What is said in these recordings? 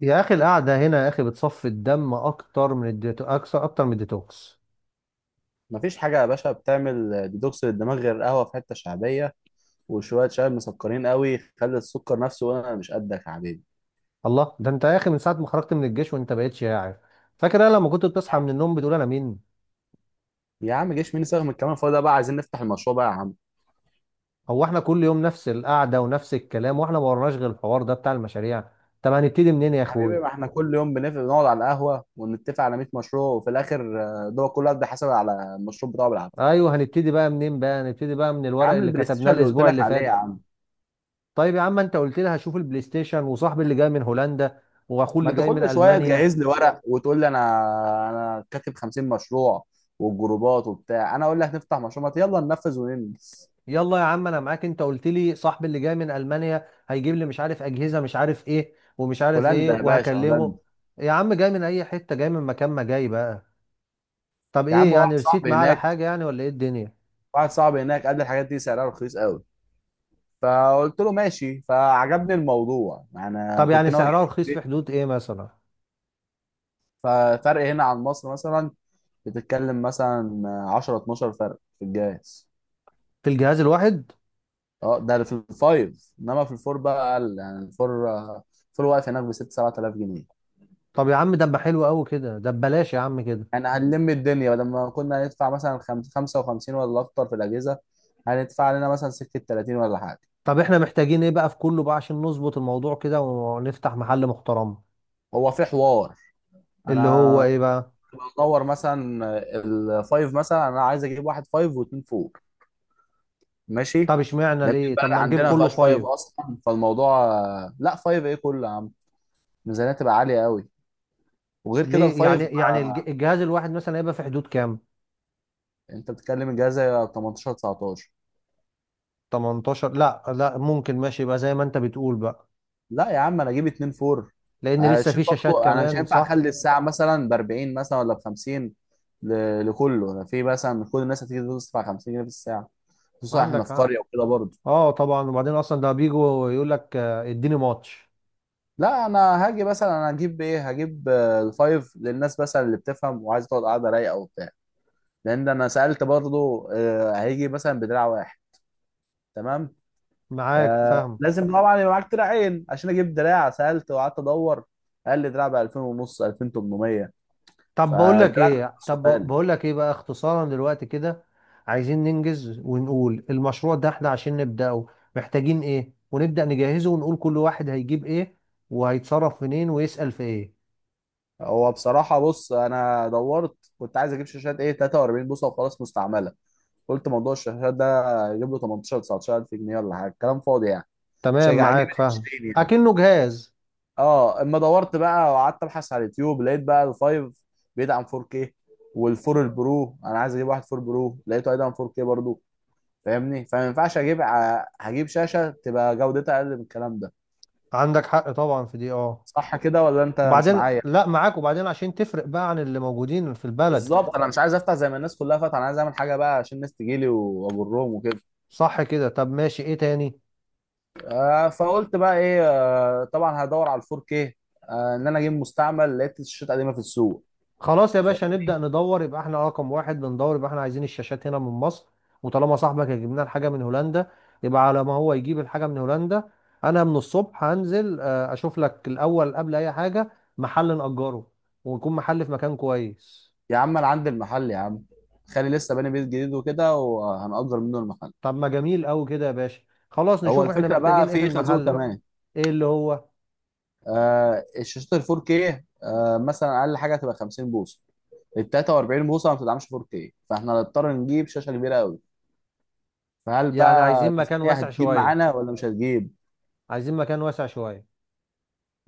يا اخي القعده هنا، يا اخي بتصفي الدم اكتر من الديتو اكتر من الديتوكس. مفيش حاجة يا باشا، بتعمل ديتوكس للدماغ غير القهوة في حتة شعبية، وشوية شاي مسكرين قوي خلي السكر نفسه. وأنا مش قدك يا حبيبي. الله ده انت يا اخي من ساعه ما خرجت من الجيش وانت بقيت شاعر. فاكر انا لما كنت بتصحى من النوم بتقول انا مين؟ يا عم جيش مين يساغم الكلام الفاضي ده بقى، عايزين نفتح المشروع بقى يا عم. هو احنا كل يوم نفس القعده ونفس الكلام، واحنا ما ورناش غير الحوار ده بتاع المشاريع. طب هنبتدي منين يا حبيبي، اخوي؟ ما احنا كل يوم بنقعد على القهوة ونتفق على 100 مشروع وفي الآخر، ده كل واحد بيحاسب على المشروع بتاعه بالعافية. ايوه، هنبتدي بقى من يا الورق عم اللي البلاي ستيشن كتبناه اللي قلت الاسبوع لك اللي عليه يا فات. عم. طيب يا عم، انت قلت لي هشوف البلاي ستيشن، وصاحبي اللي جاي من هولندا واخوه ما اللي انت جاي من كل شوية المانيا. تجهز لي ورق وتقول لي انا كاتب 50 مشروع والجروبات وبتاع. انا اقول لك نفتح مشروع، ما يلا ننفذ وننجز. يلا يا عم، انا معاك. انت قلت لي صاحبي اللي جاي من المانيا هيجيب لي مش عارف اجهزه مش عارف ايه ومش عارف ايه، هولندا يا باشا، وهكلمه. هولندا. يا عم جاي من اي حته، جاي من مكان ما، جاي بقى. طب يا عم ايه يعني، واحد رسيت صاحبي معاه على هناك، حاجه يعني ولا ايه الدنيا؟ واحد صاحبي هناك قال لي الحاجات دي سعرها رخيص قوي، فقلت له ماشي، فعجبني الموضوع، انا طب كنت يعني ناوي اجيب سعرها رخيص في البيت. حدود ايه مثلا؟ ففرق هنا عن مصر مثلا، بتتكلم مثلا 10 12 فرق في الجهاز. في الجهاز الواحد؟ اه ده في الفايف، انما في الفور بقى اقل. يعني الفور، الفور واقف هناك ب 6 7000 جنيه. طب يا عم، ده ما حلو قوي كده، ده ببلاش يا عم كده. يعني هنلم الدنيا بدل ما كنا هندفع مثلا 55 ولا اكتر في الاجهزه، هندفع لنا مثلا سكه 30 ولا حاجه. طب احنا محتاجين ايه بقى في كله بقى عشان نظبط الموضوع كده ونفتح محل محترم؟ هو في حوار، اللي هو انا ايه بقى؟ بدور مثلا الفايف، مثلا انا عايز اجيب واحد فايف واثنين فور. ماشي. طب اشمعنى لان ليه؟ البلد طب ما نجيب عندنا ما كله فيهاش فايف فايف؟ اصلا، فالموضوع لا فايف ايه كله يا عم، الميزانيه تبقى عاليه قوي. وغير كده ليه؟ الفايف. يعني الجهاز الواحد مثلا هيبقى في حدود كام؟ انت بتتكلم الجهاز 18 19. 18، لا لا، ممكن ماشي، يبقى زي ما انت بتقول بقى. لا يا عم انا اجيب اتنين فور. لان لسه هشيل في شاشات برضه، انا مش كمان، هينفع صح؟ اخلي الساعه مثلا ب 40 مثلا ولا ب 50. لكله، انا في مثلا من كل الناس هتيجي تدفع 50 جنيه في الساعه، خصوصا احنا عندك في حق. قريه وكده برضه. اه طبعا، وبعدين اصلا ده بيجوا يقول لك اديني ماتش. لا انا هاجي مثلا، انا هجيب ايه، هجيب الفايف للناس مثلا اللي بتفهم وعايز تقعد قاعده رايقه وبتاع. لان انا سالت برضو، هيجي مثلا بدراع واحد. تمام. معاك، آه فاهم. لازم طبعا يبقى معاك دراعين عشان اجيب دراع. سالت وقعدت ادور، قال لي دراع ب 2000 ونص، 2800. فالدراع ده نفسه طب غالي. بقول لك ايه بقى اختصارا دلوقتي كده. عايزين ننجز ونقول المشروع ده احنا عشان نبدأه محتاجين ايه، ونبدأ نجهزه، ونقول كل واحد هيجيب ايه وهيتصرف منين ويسأل في ايه. هو بصراحه، بص انا دورت كنت عايز اجيب شاشات ايه 43 بوصه وخلاص مستعمله. قلت موضوع الشاشات ده اجيب له 18 19 الف جنيه ولا حاجه، كلام فاضي يعني. مش تمام، هيجي- هجيب معاك، ال فاهم. 20 يعني. اكنه جهاز. اه اما دورت بقى وقعدت ابحث على اليوتيوب، لقيت بقى الفايف بيدعم 4K، والفور البرو، انا عايز اجيب واحد فور برو لقيته هيدعم 4K برضو. فاهمني؟ فما ينفعش اجيب هجيب شاشه تبقى جودتها اقل من الكلام ده. عندك حق طبعا في دي، اه. صح كده ولا انت مش وبعدين معايا؟ لا، معاك، وبعدين عشان تفرق بقى عن اللي موجودين في البلد. بالظبط، انا مش عايز افتح زي ما الناس كلها فاتحه، انا عايز اعمل حاجه بقى عشان الناس تجيلي واجرهم وكده. صح كده. طب ماشي، ايه تاني؟ فقلت بقى ايه، طبعا هدور على الفور 4K. ان انا اجيب مستعمل، لقيت الشاشات قديمه في السوق. خلاص يا باشا، نبدأ ندور. يبقى احنا رقم واحد بندور، يبقى احنا عايزين الشاشات هنا من مصر. وطالما صاحبك هيجيب لنا الحاجة من هولندا، يبقى على ما هو يجيب الحاجة من هولندا انا من الصبح هنزل اشوف لك الاول قبل اي حاجة محل نأجره، ويكون محل في مكان كويس. يا عم انا عندي المحل يا عم، خالي لسه باني بيت جديد وكده، وهنأجر منه المحل. طب ما جميل قوي كده يا باشا. خلاص، هو نشوف احنا الفكره بقى محتاجين ايه في في ايه، خازوق المحل بقى. كمان. ايه اللي هو؟ آه الشاشات ال 4K، مثلا اقل حاجه تبقى 50 بوصه. ال 43 بوصه ما بتدعمش 4K، فاحنا هنضطر نجيب شاشه كبيره قوي. فهل يعني بقى عايزين مكان الميزانيه واسع هتجيب شويه، معانا ولا مش هتجيب؟ عايزين مكان واسع شويه.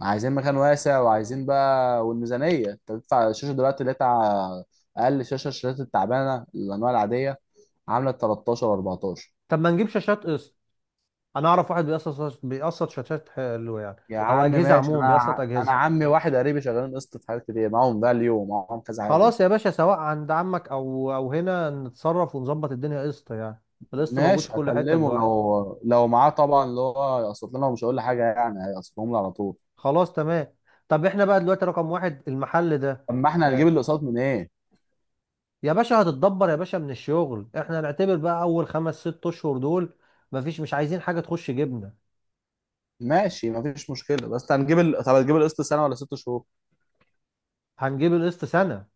عايزين مكان واسع، وعايزين بقى، والميزانيه، انت بتدفع الشاشه دلوقتي اللي هي بتاع اقل شاشه، الشاشات التعبانه الانواع العاديه، عامله 13 و14. طب ما نجيب شاشات قسط. انا اعرف واحد بيقسط، بيقسط شاشات حلوه يعني. يا او عم اجهزه ماشي. انا عموما، بيقسط انا اجهزه. عمي واحد قريبي شغالين قسط في حاجات كتير، معاهم فاليو ومعاهم كذا حاجه كده. خلاص يا باشا، سواء عند عمك او هنا، نتصرف ونظبط الدنيا قسط يعني. القسط موجود في ماشي كل حته هكلمه. دلوقتي. لو معاه طبعا، اللي هو يقسط لنا ومش هقول له حاجه يعني، هيقسطهم لي على طول. خلاص تمام. طب احنا بقى دلوقتي رقم واحد المحل ده. طب ما احنا هنجيب آه، الاقساط من ايه؟ يا باشا هتتدبر يا باشا من الشغل. احنا هنعتبر بقى اول خمس ست اشهر دول مفيش، مش عايزين حاجه تخش جبنه. ماشي مفيش مشكله، بس هنجيب طب هتجيب القسط سنه ولا ست شهور؟ هنجيب القسط سنه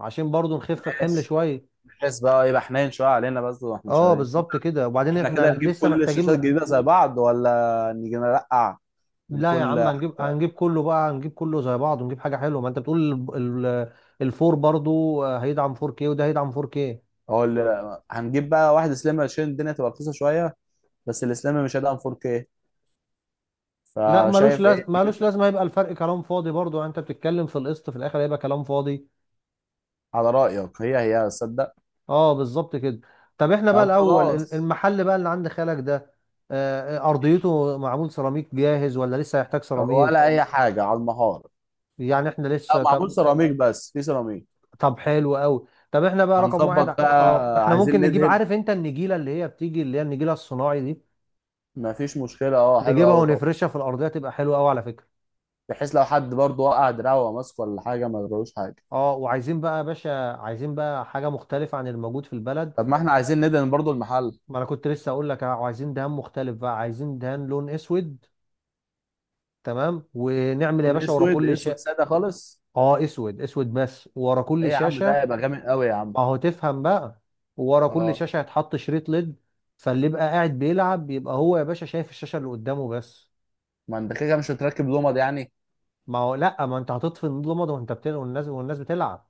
عشان برضو نخف الحمل ماشي. شويه. بحيث بقى يبقى حنين شويه علينا بس واحنا اه شغالين. بالظبط كده. وبعدين احنا احنا كده هنجيب لسه كل الشاشات محتاجين. الجديده زي بعض ولا نيجي نرقع؟ من لا يا عم، كل. هنجيب كله بقى، هنجيب كله زي بعض، ونجيب حاجه حلوه. ما انت بتقول الفور برضو هيدعم 4K، وده هيدعم 4K. هقول هنجيب بقى واحد سليم عشان الدنيا تبقى رخيصه شويه، بس السليم مش هيدعم 4K. لا ملوش فشايف ايه؟ ملوش لازمه. هيبقى الفرق كلام فاضي برضو يعني، انت بتتكلم في القسط في الاخر هيبقى كلام فاضي. على رأيك، هي صدق. اه بالظبط كده. طب احنا بقى طب الاول خلاص. المحل بقى اللي عند خالك ده. ارضيته معمول سيراميك جاهز ولا لسه هيحتاج سيراميك؟ ولا اي حاجة على المهارة. يعني احنا لا لسه، معمول طب. سيراميك، بس في سيراميك. طب حلو قوي. طب احنا بقى رقم واحد، هنظبط بقى. احنا عايزين ممكن نجيب، ندهن. عارف انت النجيله اللي هي بتيجي، اللي هي النجيله الصناعي دي، مفيش مشكلة، اه حلو نجيبها قوي طبعا. ونفرشها في الارضيه تبقى حلوه قوي على فكره. بحيث لو حد برضه وقع دراعه وهو ماسك ولا حاجة ما يجروش حاجة. اه، وعايزين بقى يا باشا، عايزين بقى حاجه مختلفه عن الموجود في البلد. طب ما احنا عايزين ندهن برضه المحل. ما انا كنت لسه اقول لك، عايزين دهان مختلف بقى، عايزين دهان لون اسود. تمام، ونعمل يا لون باشا ورا اسود، كل اسود شيء. سادة خالص. اه، اسود اسود بس ورا ايه كل يا عم، ده شاشه. هيبقى جامد قوي يا عم. ما هو تفهم بقى. ورا كل اه شاشه هيتحط شريط ليد. فاللي يبقى قاعد بيلعب يبقى هو يا باشا شايف الشاشه اللي قدامه بس. ما انت كده كده مش هتركب لمض يعني. ما هو لا، ما انت هتطفي النور الابيض وانت بتلعب، والناس بتلعب.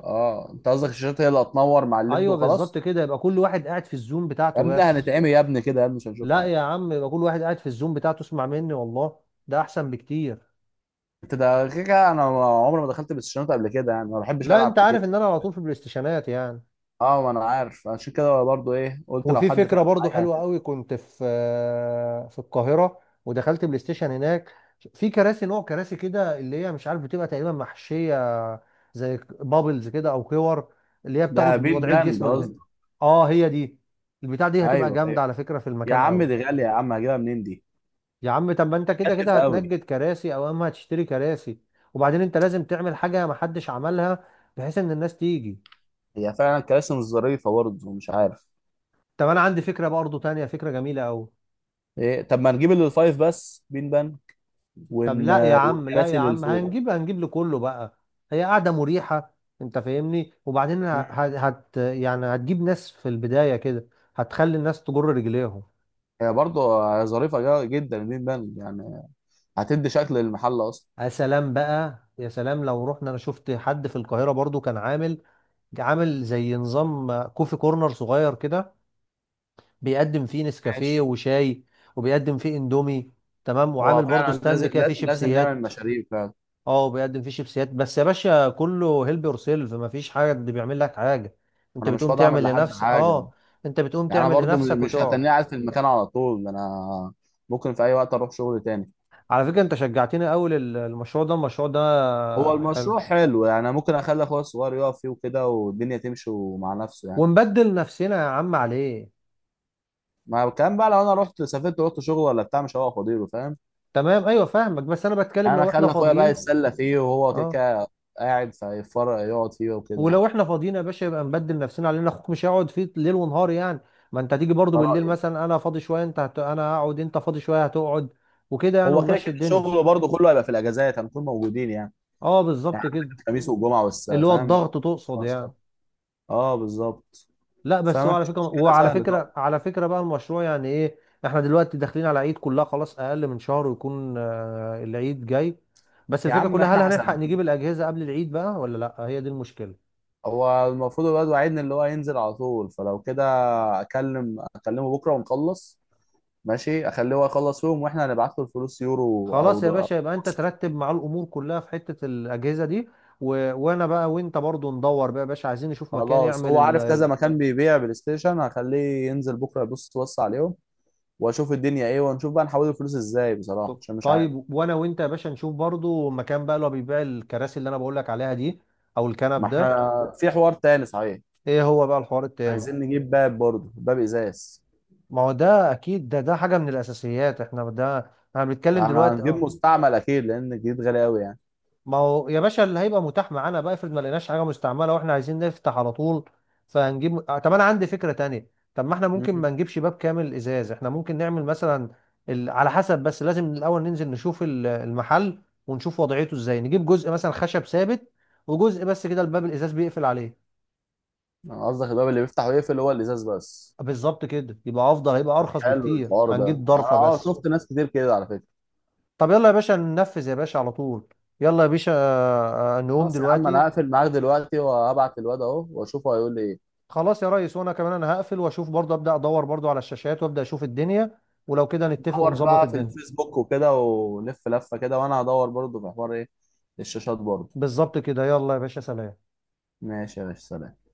اه انت قصدك الشاشات هي اللي هتنور مع الليد ايوه بالظبط وخلاص. كده، يبقى كل واحد قاعد في الزوم يا بتاعته ابني بس. هنتعمي يا ابني كده، يا ابني مش هنشوف لا حاجة. يا عم، يبقى كل واحد قاعد في الزوم بتاعته. اسمع مني والله، ده احسن بكتير. انت ده كده كده، انا عمري ما دخلت بلاي ستيشن قبل كده، يعني ما بحبش لا، العب انت كتير. عارف ان انا على طول في البلاي ستيشنات يعني. اه ما انا عارف، عشان كده برضو ايه قلت لو وفي حد فكرة فاهم برضو معايا حلوة هتبقى. قوي، كنت في القاهرة ودخلت بلاي ستيشن هناك. في كراسي، نوع كراسي كده اللي هي مش عارف بتبقى تقريبا محشية، زي بابلز كده او كور، اللي هي ده بتاخد بيت وضعية باند جسمك ده. قصدي. اه، هي دي. البتاع دي هتبقى ايوه جامدة ايوه. على فكرة في يا المكان عم قوي. دي غاليه يا عم، هجيبها منين دي؟ يا عم، طب ما انت كده كده كلف قوي. هتنجد كراسي او اما هتشتري كراسي. وبعدين انت لازم تعمل حاجة محدش عملها، بحيث ان الناس تيجي. هي فعلا كراسي مش ظريفه برضه مش عارف. طب انا عندي فكرة برضو تانية، فكرة جميلة قوي. ايه، طب ما نجيب اللي الفايف بس بين بان طب ون... لا يا عم، لا والكراسي يا اللي عم، فوق. هنجيب لكله بقى. هي قاعدة مريحة. انت فاهمني. وبعدين ه- مم. هت يعني هتجيب ناس في البداية كده، هتخلي الناس تجر رجليهم. هي برضه ظريفه جدا البين بان يعني، هتدي شكل للمحل اصلا. يا سلام بقى، يا سلام. لو رحنا، انا شفت حد في القاهرة برضو كان عامل زي نظام كوفي كورنر صغير كده، بيقدم فيه نسكافيه ماشي. وشاي، وبيقدم فيه اندومي. تمام، هو وعامل برضو فعلا ستاند لازم كده فيه لازم نعمل شيبسيات. مشاريع فعلا. اه، بيقدم فيه شيبسيات بس يا باشا كله هيلب يور سيلف، مفيش حد بيعمل لك حاجه. انت انا مش بتقوم فاضي اعمل تعمل لحد لنفسك، حاجه اه، انت بتقوم يعني. انا تعمل برضو لنفسك مش وتقعد. هتنيه قاعد في المكان على طول، انا ممكن في اي وقت اروح شغل تاني. على فكره انت شجعتني قوي، المشروع ده، المشروع ده هو حلو. المشروع حلو يعني. أنا ممكن اخلي اخويا الصغير يقف فيه وكده والدنيا تمشي مع نفسه يعني. ونبدل نفسنا يا عم عليه. ما الكلام بقى، لو انا رحت سافرت ورحت شغل ولا بتاع، مش هوقف فاضيله، فاهم؟ تمام، ايوه فاهمك، بس انا بتكلم يعني انا لو احنا اخلي اخويا بقى فاضيين، يتسلى فيه، وهو كده اه. كده قاعد فيتفرج، يقعد فيه وكده يعني. ولو احنا فاضيين يا باشا، يبقى نبدل نفسنا علينا، اخوك مش هيقعد فيه ليل ونهار يعني. ما انت هتيجي برضو بالليل كرأيي. مثلا، انا فاضي شويه انت انا هقعد، انت فاضي شويه هتقعد، وكده يعني، هو كده ونمشي كده الدنيا. شغله برضه كله هيبقى في الاجازات هنكون موجودين يعني. اه يعني بالظبط كده. عندك الخميس والجمعه والس، اللي هو فاهم؟ الضغط تقصد يعني؟ اه بالظبط. لا، بس هو فما على فيش فكره، مشكله، وعلى سهله طبعا. فكره على فكره بقى المشروع يعني ايه؟ احنا دلوقتي داخلين على عيد، كلها خلاص اقل من شهر ويكون العيد جاي. بس يا الفكره عم كلها، احنا هل هنلحق حسبناها. نجيب الاجهزه قبل العيد بقى ولا لا؟ هي دي المشكله. هو المفروض الواد وعدني اللي هو ينزل على طول، فلو كده اكلمه بكره ونخلص. ماشي اخليه هو يخلص يوم، واحنا هنبعت له الفلوس يورو او خلاص يا باشا، يبقى انت ترتب مع الامور كلها في حته الاجهزه دي، وانا بقى وانت برضو ندور بقى يا باشا، عايزين نشوف مكان خلاص يعمل هو عارف كذا مكان بيبيع بلاي ستيشن، هخليه ينزل بكره يبص بص عليهم، واشوف الدنيا ايه، ونشوف بقى نحول الفلوس ازاي بصراحه عشان مش عارف. طيب، وانا وانت يا باشا نشوف برضو مكان بقى اللي هو بيبيع الكراسي اللي انا بقول لك عليها دي او الكنب ما ده. احنا في حوار تاني صحيح. ايه هو بقى الحوار التاني؟ عايزين نجيب باب برضه، باب ازاز. ما هو ده اكيد، ده حاجه من الاساسيات احنا، ده احنا بنتكلم احنا دلوقتي هنجيب اه. مستعمل اكيد، لان الجديد غالي قوي يعني. ما هو يا باشا اللي هيبقى متاح معانا بقى، افرض ما لقيناش حاجه مستعمله واحنا عايزين نفتح على طول، فهنجيب. طب انا عندي فكره تانية، طب ما احنا ممكن مم. ما نجيبش باب كامل ازاز، احنا ممكن نعمل مثلا على حسب، بس لازم الاول ننزل نشوف المحل ونشوف وضعيته ازاي، نجيب جزء مثلا خشب ثابت وجزء بس كده الباب الازاز بيقفل عليه. أنا قصدك الباب اللي بيفتح ويقفل هو الازاز بس. بالظبط كده، يبقى افضل، هيبقى ارخص حلو بكتير، الحوار ده، هنجيب انا ضرفه اه بس. شفت ناس كتير كده على فكره. طب يلا يا باشا، ننفذ يا باشا على طول. يلا يا باشا، نقوم خلاص يا عم، انا دلوقتي. هقفل معاك دلوقتي، وهبعت الواد اهو واشوفه هيقول لي ايه. خلاص يا ريس، وانا كمان انا هقفل واشوف برضه، ابدا ادور برضه على الشاشات وابدا اشوف الدنيا. ولو كده نتفق دور ونظبط بقى في الدنيا. الفيسبوك وكده ولف لفه كده، وانا هدور برضه في حوار ايه، الشاشات برضه. بالظبط كده. يلا يا باشا، سلام. ماشي يا باشا، سلام.